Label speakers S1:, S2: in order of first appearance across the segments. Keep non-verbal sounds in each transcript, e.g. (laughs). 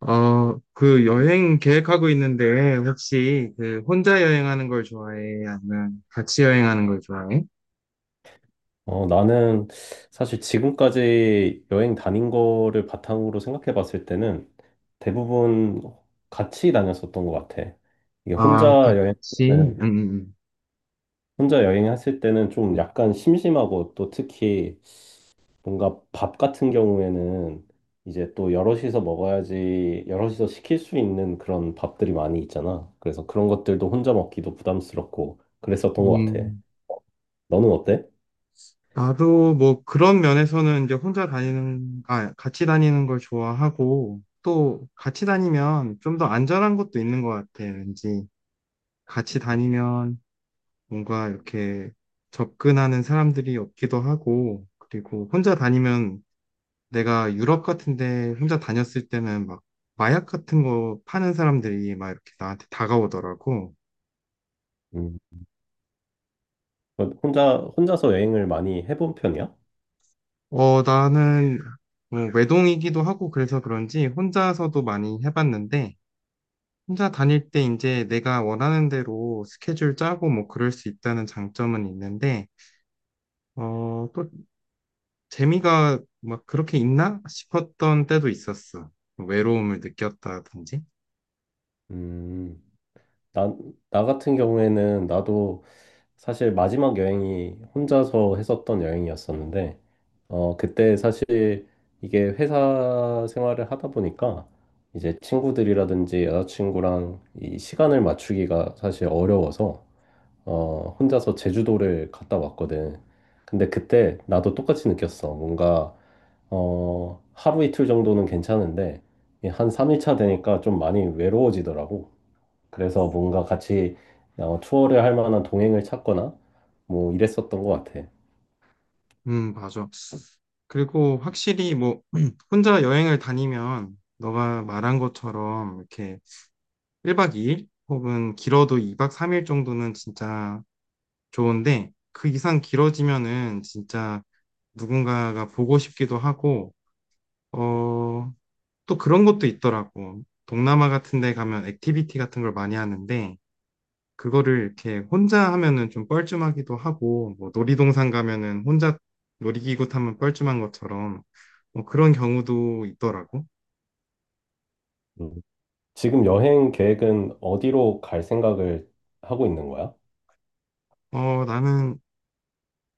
S1: 그 여행 계획하고 있는데 혹시 그 혼자 여행하는 걸 좋아해? 아니면 같이 여행하는 걸 좋아해?
S2: 나는 사실 지금까지 여행 다닌 거를 바탕으로 생각해 봤을 때는 대부분 같이 다녔었던 것 같아. 이게 혼자
S1: 아, 같이?
S2: 여행은, 혼자 여행했을 때는 좀 약간 심심하고 또 특히 뭔가 밥 같은 경우에는 이제 또 여럿이서 먹어야지, 여럿이서 시킬 수 있는 그런 밥들이 많이 있잖아. 그래서 그런 것들도 혼자 먹기도 부담스럽고 그랬었던 것 같아.
S1: 음.
S2: 너는 어때?
S1: 나도 뭐 그런 면에서는 이제 같이 다니는 걸 좋아하고 또 같이 다니면 좀 더 안전한 것도 있는 것 같아. 왠지 같이 다니면 뭔가 이렇게 접근하는 사람들이 없기도 하고, 그리고 혼자 다니면 내가 유럽 같은데 혼자 다녔을 때는 막 마약 같은 거 파는 사람들이 막 이렇게 나한테 다가오더라고.
S2: 음. 혼자서 여행을 많이 해본 편이야?
S1: 나는 뭐 외동이기도 하고 그래서 그런지 혼자서도 많이 해봤는데, 혼자 다닐 때 이제 내가 원하는 대로 스케줄 짜고 뭐 그럴 수 있다는 장점은 있는데 어, 또 재미가 막 그렇게 있나 싶었던 때도 있었어. 외로움을 느꼈다든지.
S2: 음, 나, 나 같은 경우에는 나도 사실 마지막 여행이 혼자서 했었던 여행이었었는데, 그때 사실 이게 회사 생활을 하다 보니까 이제 친구들이라든지 여자친구랑 이 시간을 맞추기가 사실 어려워서 혼자서 제주도를 갔다 왔거든. 근데 그때 나도 똑같이 느꼈어. 뭔가, 하루 이틀 정도는 괜찮은데, 이한 3일차 되니까 좀 많이 외로워지더라고. 그래서 뭔가 같이 투어를 할 만한 동행을 찾거나, 뭐 이랬었던 것 같아.
S1: 맞아. 그리고 확실히 뭐 (clears throat) 혼자 여행을 다니면 너가 말한 것처럼 이렇게 1박 2일 혹은 길어도 2박 3일 정도는 진짜 좋은데, 그 이상 길어지면은 진짜 누군가가 보고 싶기도 하고, 어, 또 그런 것도 있더라고. 동남아 같은 데 가면 액티비티 같은 걸 많이 하는데 그거를 이렇게 혼자 하면은 좀 뻘쭘하기도 하고, 뭐 놀이동산 가면은 혼자 놀이기구 타면 뻘쭘한 것처럼, 뭐 그런 경우도 있더라고.
S2: 음. 지금 여행 계획은 어디로 갈 생각을 하고 있는 거야?
S1: 나는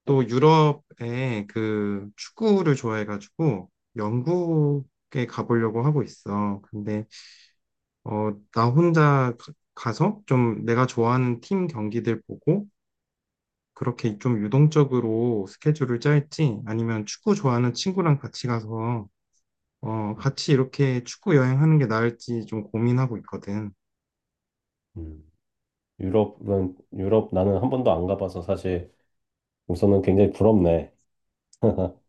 S1: 또 유럽에 그 축구를 좋아해가지고, 영국에 가보려고 하고 있어. 근데, 어, 나 혼자 가서 좀 내가 좋아하는 팀 경기들 보고, 그렇게 좀 유동적으로 스케줄을 짤지, 아니면 축구 좋아하는 친구랑 같이 가서 어, 같이 이렇게 축구 여행하는 게 나을지 좀 고민하고 있거든.
S2: 음. 유럽 나는 한 번도 안 가봐서 사실 우선은 굉장히 부럽네. (laughs)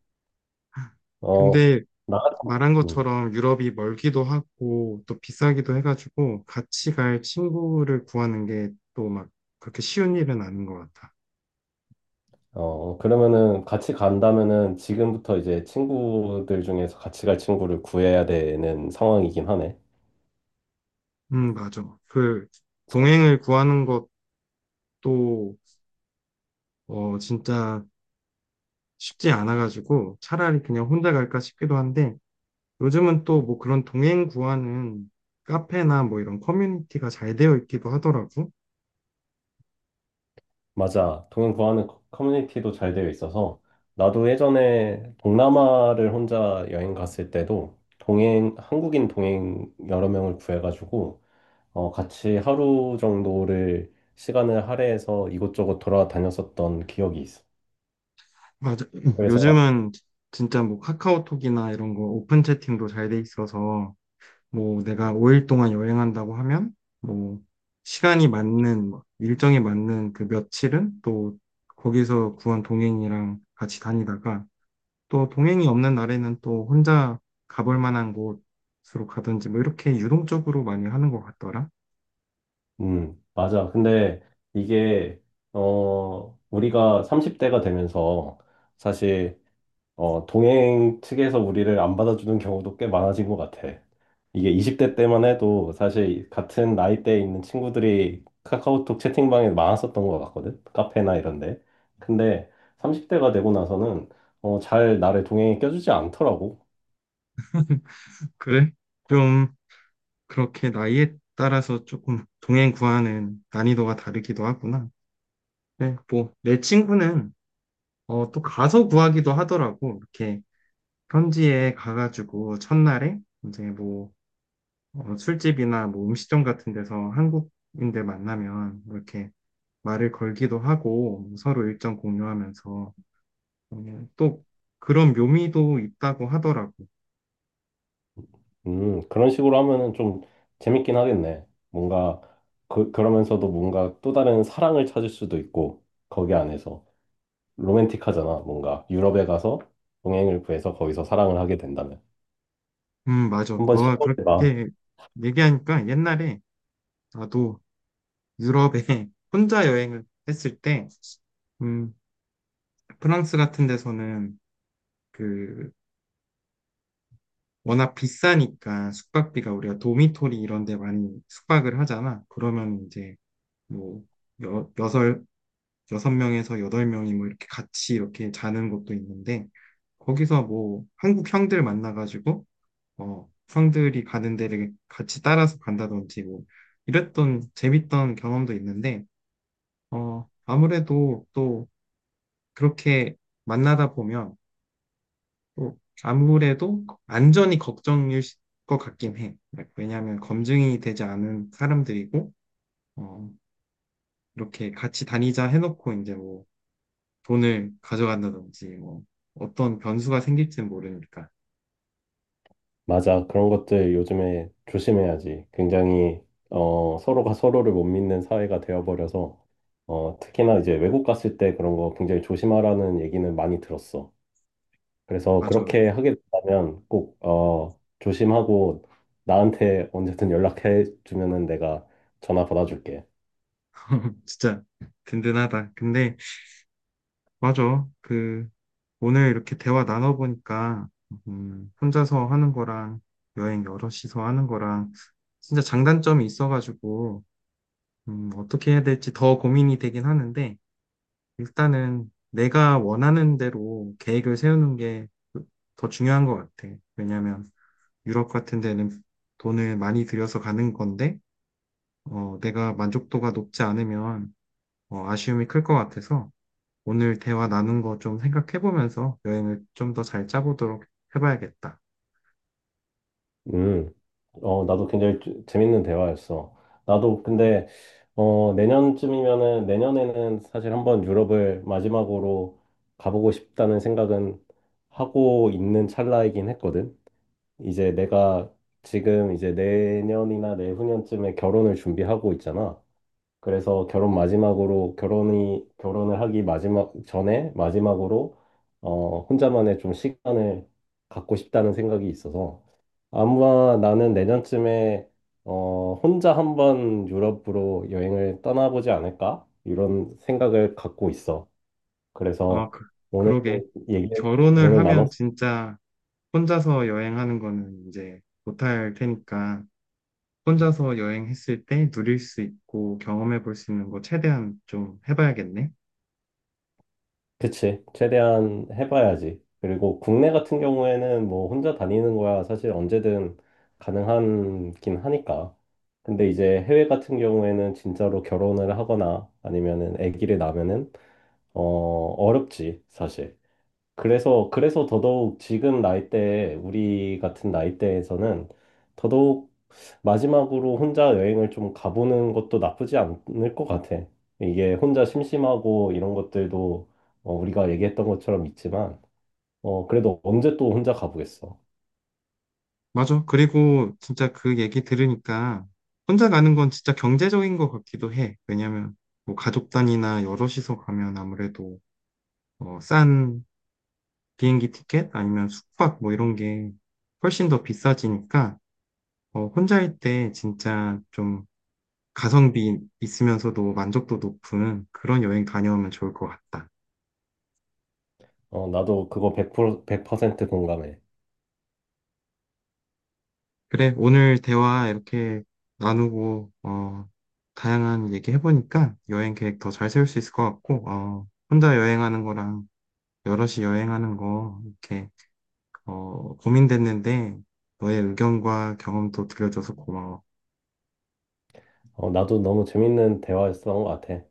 S2: 어,
S1: 근데
S2: 나,
S1: 말한
S2: 음,
S1: 것처럼 유럽이 멀기도 하고 또 비싸기도 해가지고 같이 갈 친구를 구하는 게 또 막 그렇게 쉬운 일은 아닌 것 같아.
S2: 그러면은 같이 간다면은 지금부터 이제 친구들 중에서 같이 갈 친구를 구해야 되는 상황이긴 하네.
S1: 맞아. 그 동행을 구하는 것도 어, 진짜 쉽지 않아가지고 차라리 그냥 혼자 갈까 싶기도 한데, 요즘은 또 뭐 그런 동행 구하는 카페나 뭐 이런 커뮤니티가 잘 되어 있기도 하더라고.
S2: 맞아. 동행 구하는 커뮤니티도 잘 되어 있어서 나도 예전에 동남아를 혼자 여행 갔을 때도 동행 한국인 동행 여러 명을 구해가지고 같이 하루 정도를 시간을 할애해서 이곳저곳 돌아다녔었던 기억이 있어.
S1: 맞아.
S2: 그래서
S1: 요즘은 진짜 뭐 카카오톡이나 이런 거 오픈 채팅도 잘 돼 있어서 뭐 내가 5일 동안 여행한다고 하면 뭐 시간이 맞는 뭐 일정에 맞는 그 며칠은 또 거기서 구한 동행이랑 같이 다니다가, 또 동행이 없는 날에는 또 혼자 가볼 만한 곳으로 가든지 뭐 이렇게 유동적으로 많이 하는 것 같더라.
S2: 맞아. 근데 이게, 우리가 30대가 되면서 사실, 동행 측에서 우리를 안 받아주는 경우도 꽤 많아진 것 같아. 이게 20대 때만 해도 사실 같은 나이대에 있는 친구들이 카카오톡 채팅방에 많았었던 것 같거든. 카페나 이런데. 근데 30대가 되고 나서는, 잘 나를 동행에 껴주지 않더라고.
S1: 그래? 좀 그렇게 나이에 따라서 조금 동행 구하는 난이도가 다르기도 하구나. 네, 뭐, 내 친구는, 어, 또 가서 구하기도 하더라고. 이렇게, 현지에 가가지고, 첫날에, 이제 뭐, 어, 술집이나 뭐 음식점 같은 데서 한국인들 만나면, 뭐 이렇게 말을 걸기도 하고, 뭐 서로 일정 공유하면서, 어, 또, 그런 묘미도 있다고 하더라고.
S2: 그런 식으로 하면은 좀 재밌긴 하겠네. 뭔가, 그러면서도 뭔가 또 다른 사랑을 찾을 수도 있고, 거기 안에서. 로맨틱하잖아, 뭔가. 유럽에 가서 동행을 구해서 거기서 사랑을 하게 된다면.
S1: 맞아.
S2: 한번
S1: 너가
S2: 시도해봐.
S1: 그렇게 얘기하니까 옛날에 나도 유럽에 (laughs) 혼자 여행을 했을 때, 음, 프랑스 같은 데서는 그 워낙 비싸니까 숙박비가, 우리가 도미토리 이런 데 많이 숙박을 하잖아. 그러면 이제 뭐 여, 여섯, 여섯 명에서 여덟 명이 뭐 이렇게 같이 이렇게 자는 것도 있는데, 거기서 뭐 한국 형들 만나가지고 어, 형들이 가는 데를 같이 따라서 간다든지 뭐 이랬던 재밌던 경험도 있는데, 어, 아무래도 또 그렇게 만나다 보면 또 아무래도 안전이 걱정일 것 같긴 해. Like, 왜냐하면 검증이 되지 않은 사람들이고, 어, 이렇게 같이 다니자 해놓고 이제 뭐 돈을 가져간다든지 뭐 어떤 변수가 생길지는 모르니까.
S2: 맞아. 그런 것들 요즘에 조심해야지. 굉장히, 서로가 서로를 못 믿는 사회가 되어버려서, 특히나 이제 외국 갔을 때 그런 거 굉장히 조심하라는 얘기는 많이 들었어. 그래서
S1: 맞아.
S2: 그렇게 하게 된다면 꼭 조심하고 나한테 언제든 연락해 주면은 내가 전화 받아줄게.
S1: (laughs) 진짜 든든하다. 근데 맞아. 그 오늘 이렇게 대화 나눠보니까 혼자서 하는 거랑 여행 여럿이서 하는 거랑 진짜 장단점이 있어가지고 어떻게 해야 될지 더 고민이 되긴 하는데, 일단은 내가 원하는 대로 계획을 세우는 게 더 중요한 것 같아. 왜냐하면 유럽 같은 데는 돈을 많이 들여서 가는 건데, 어, 내가 만족도가 높지 않으면 어, 아쉬움이 클 것 같아서 오늘 대화 나눈 거 좀 생각해보면서 여행을 좀 더 잘 짜보도록 해봐야겠다.
S2: 음, 나도 굉장히 재밌는 대화였어. 나도 근데 내년쯤이면은 내년에는 사실 한번 유럽을 마지막으로 가보고 싶다는 생각은 하고 있는 찰나이긴 했거든. 이제 내가 지금 이제 내년이나 내후년쯤에 결혼을 준비하고 있잖아. 그래서 결혼 마지막으로 결혼이 결혼을 하기 마지막 전에 마지막으로 혼자만의 좀 시간을 갖고 싶다는 생각이 있어서 아마 나는 내년쯤에 혼자 한번 유럽으로 여행을 떠나보지 않을까 이런 생각을 갖고 있어.
S1: 아,
S2: 그래서
S1: 그,
S2: 오늘
S1: 그러게.
S2: 얘기
S1: 결혼을
S2: 오늘 나눴.
S1: 하면 진짜 혼자서 여행하는 거는 이제 못할 테니까 혼자서 여행했을 때 누릴 수 있고 경험해 볼 수 있는 거 최대한 좀 해봐야겠네.
S2: 그치. 최대한 해봐야지. 그리고 국내 같은 경우에는 뭐 혼자 다니는 거야 사실 언제든 가능하긴 하니까. 근데 이제 해외 같은 경우에는 진짜로 결혼을 하거나 아니면은 아기를 낳으면은 어렵지, 사실. 그래서 더더욱 지금 나이대에, 우리 같은 나이대에서는 더더욱 마지막으로 혼자 여행을 좀 가보는 것도 나쁘지 않을 것 같아. 이게 혼자 심심하고 이런 것들도 우리가 얘기했던 것처럼 있지만, 그래도 언제 또 혼자 가보겠어.
S1: 맞아. 그리고 진짜 그 얘기 들으니까 혼자 가는 건 진짜 경제적인 것 같기도 해. 왜냐면 뭐 가족 단위나 여럿이서 가면 아무래도 어, 싼 비행기 티켓 아니면 숙박 뭐 이런 게 훨씬 더 비싸지니까 어, 혼자일 때 진짜 좀 가성비 있으면서도 만족도 높은 그런 여행 다녀오면 좋을 것 같다.
S2: 나도 그거 100%, 100% 공감해.
S1: 그래, 오늘 대화 이렇게 나누고, 어, 다양한 얘기 해보니까 여행 계획 더 잘 세울 수 있을 것 같고, 어, 혼자 여행하는 거랑 여럿이 여행하는 거, 이렇게, 어, 고민됐는데, 너의 의견과 경험도 들려줘서 고마워.
S2: 나도 너무 재밌는 대화였던 것 같아.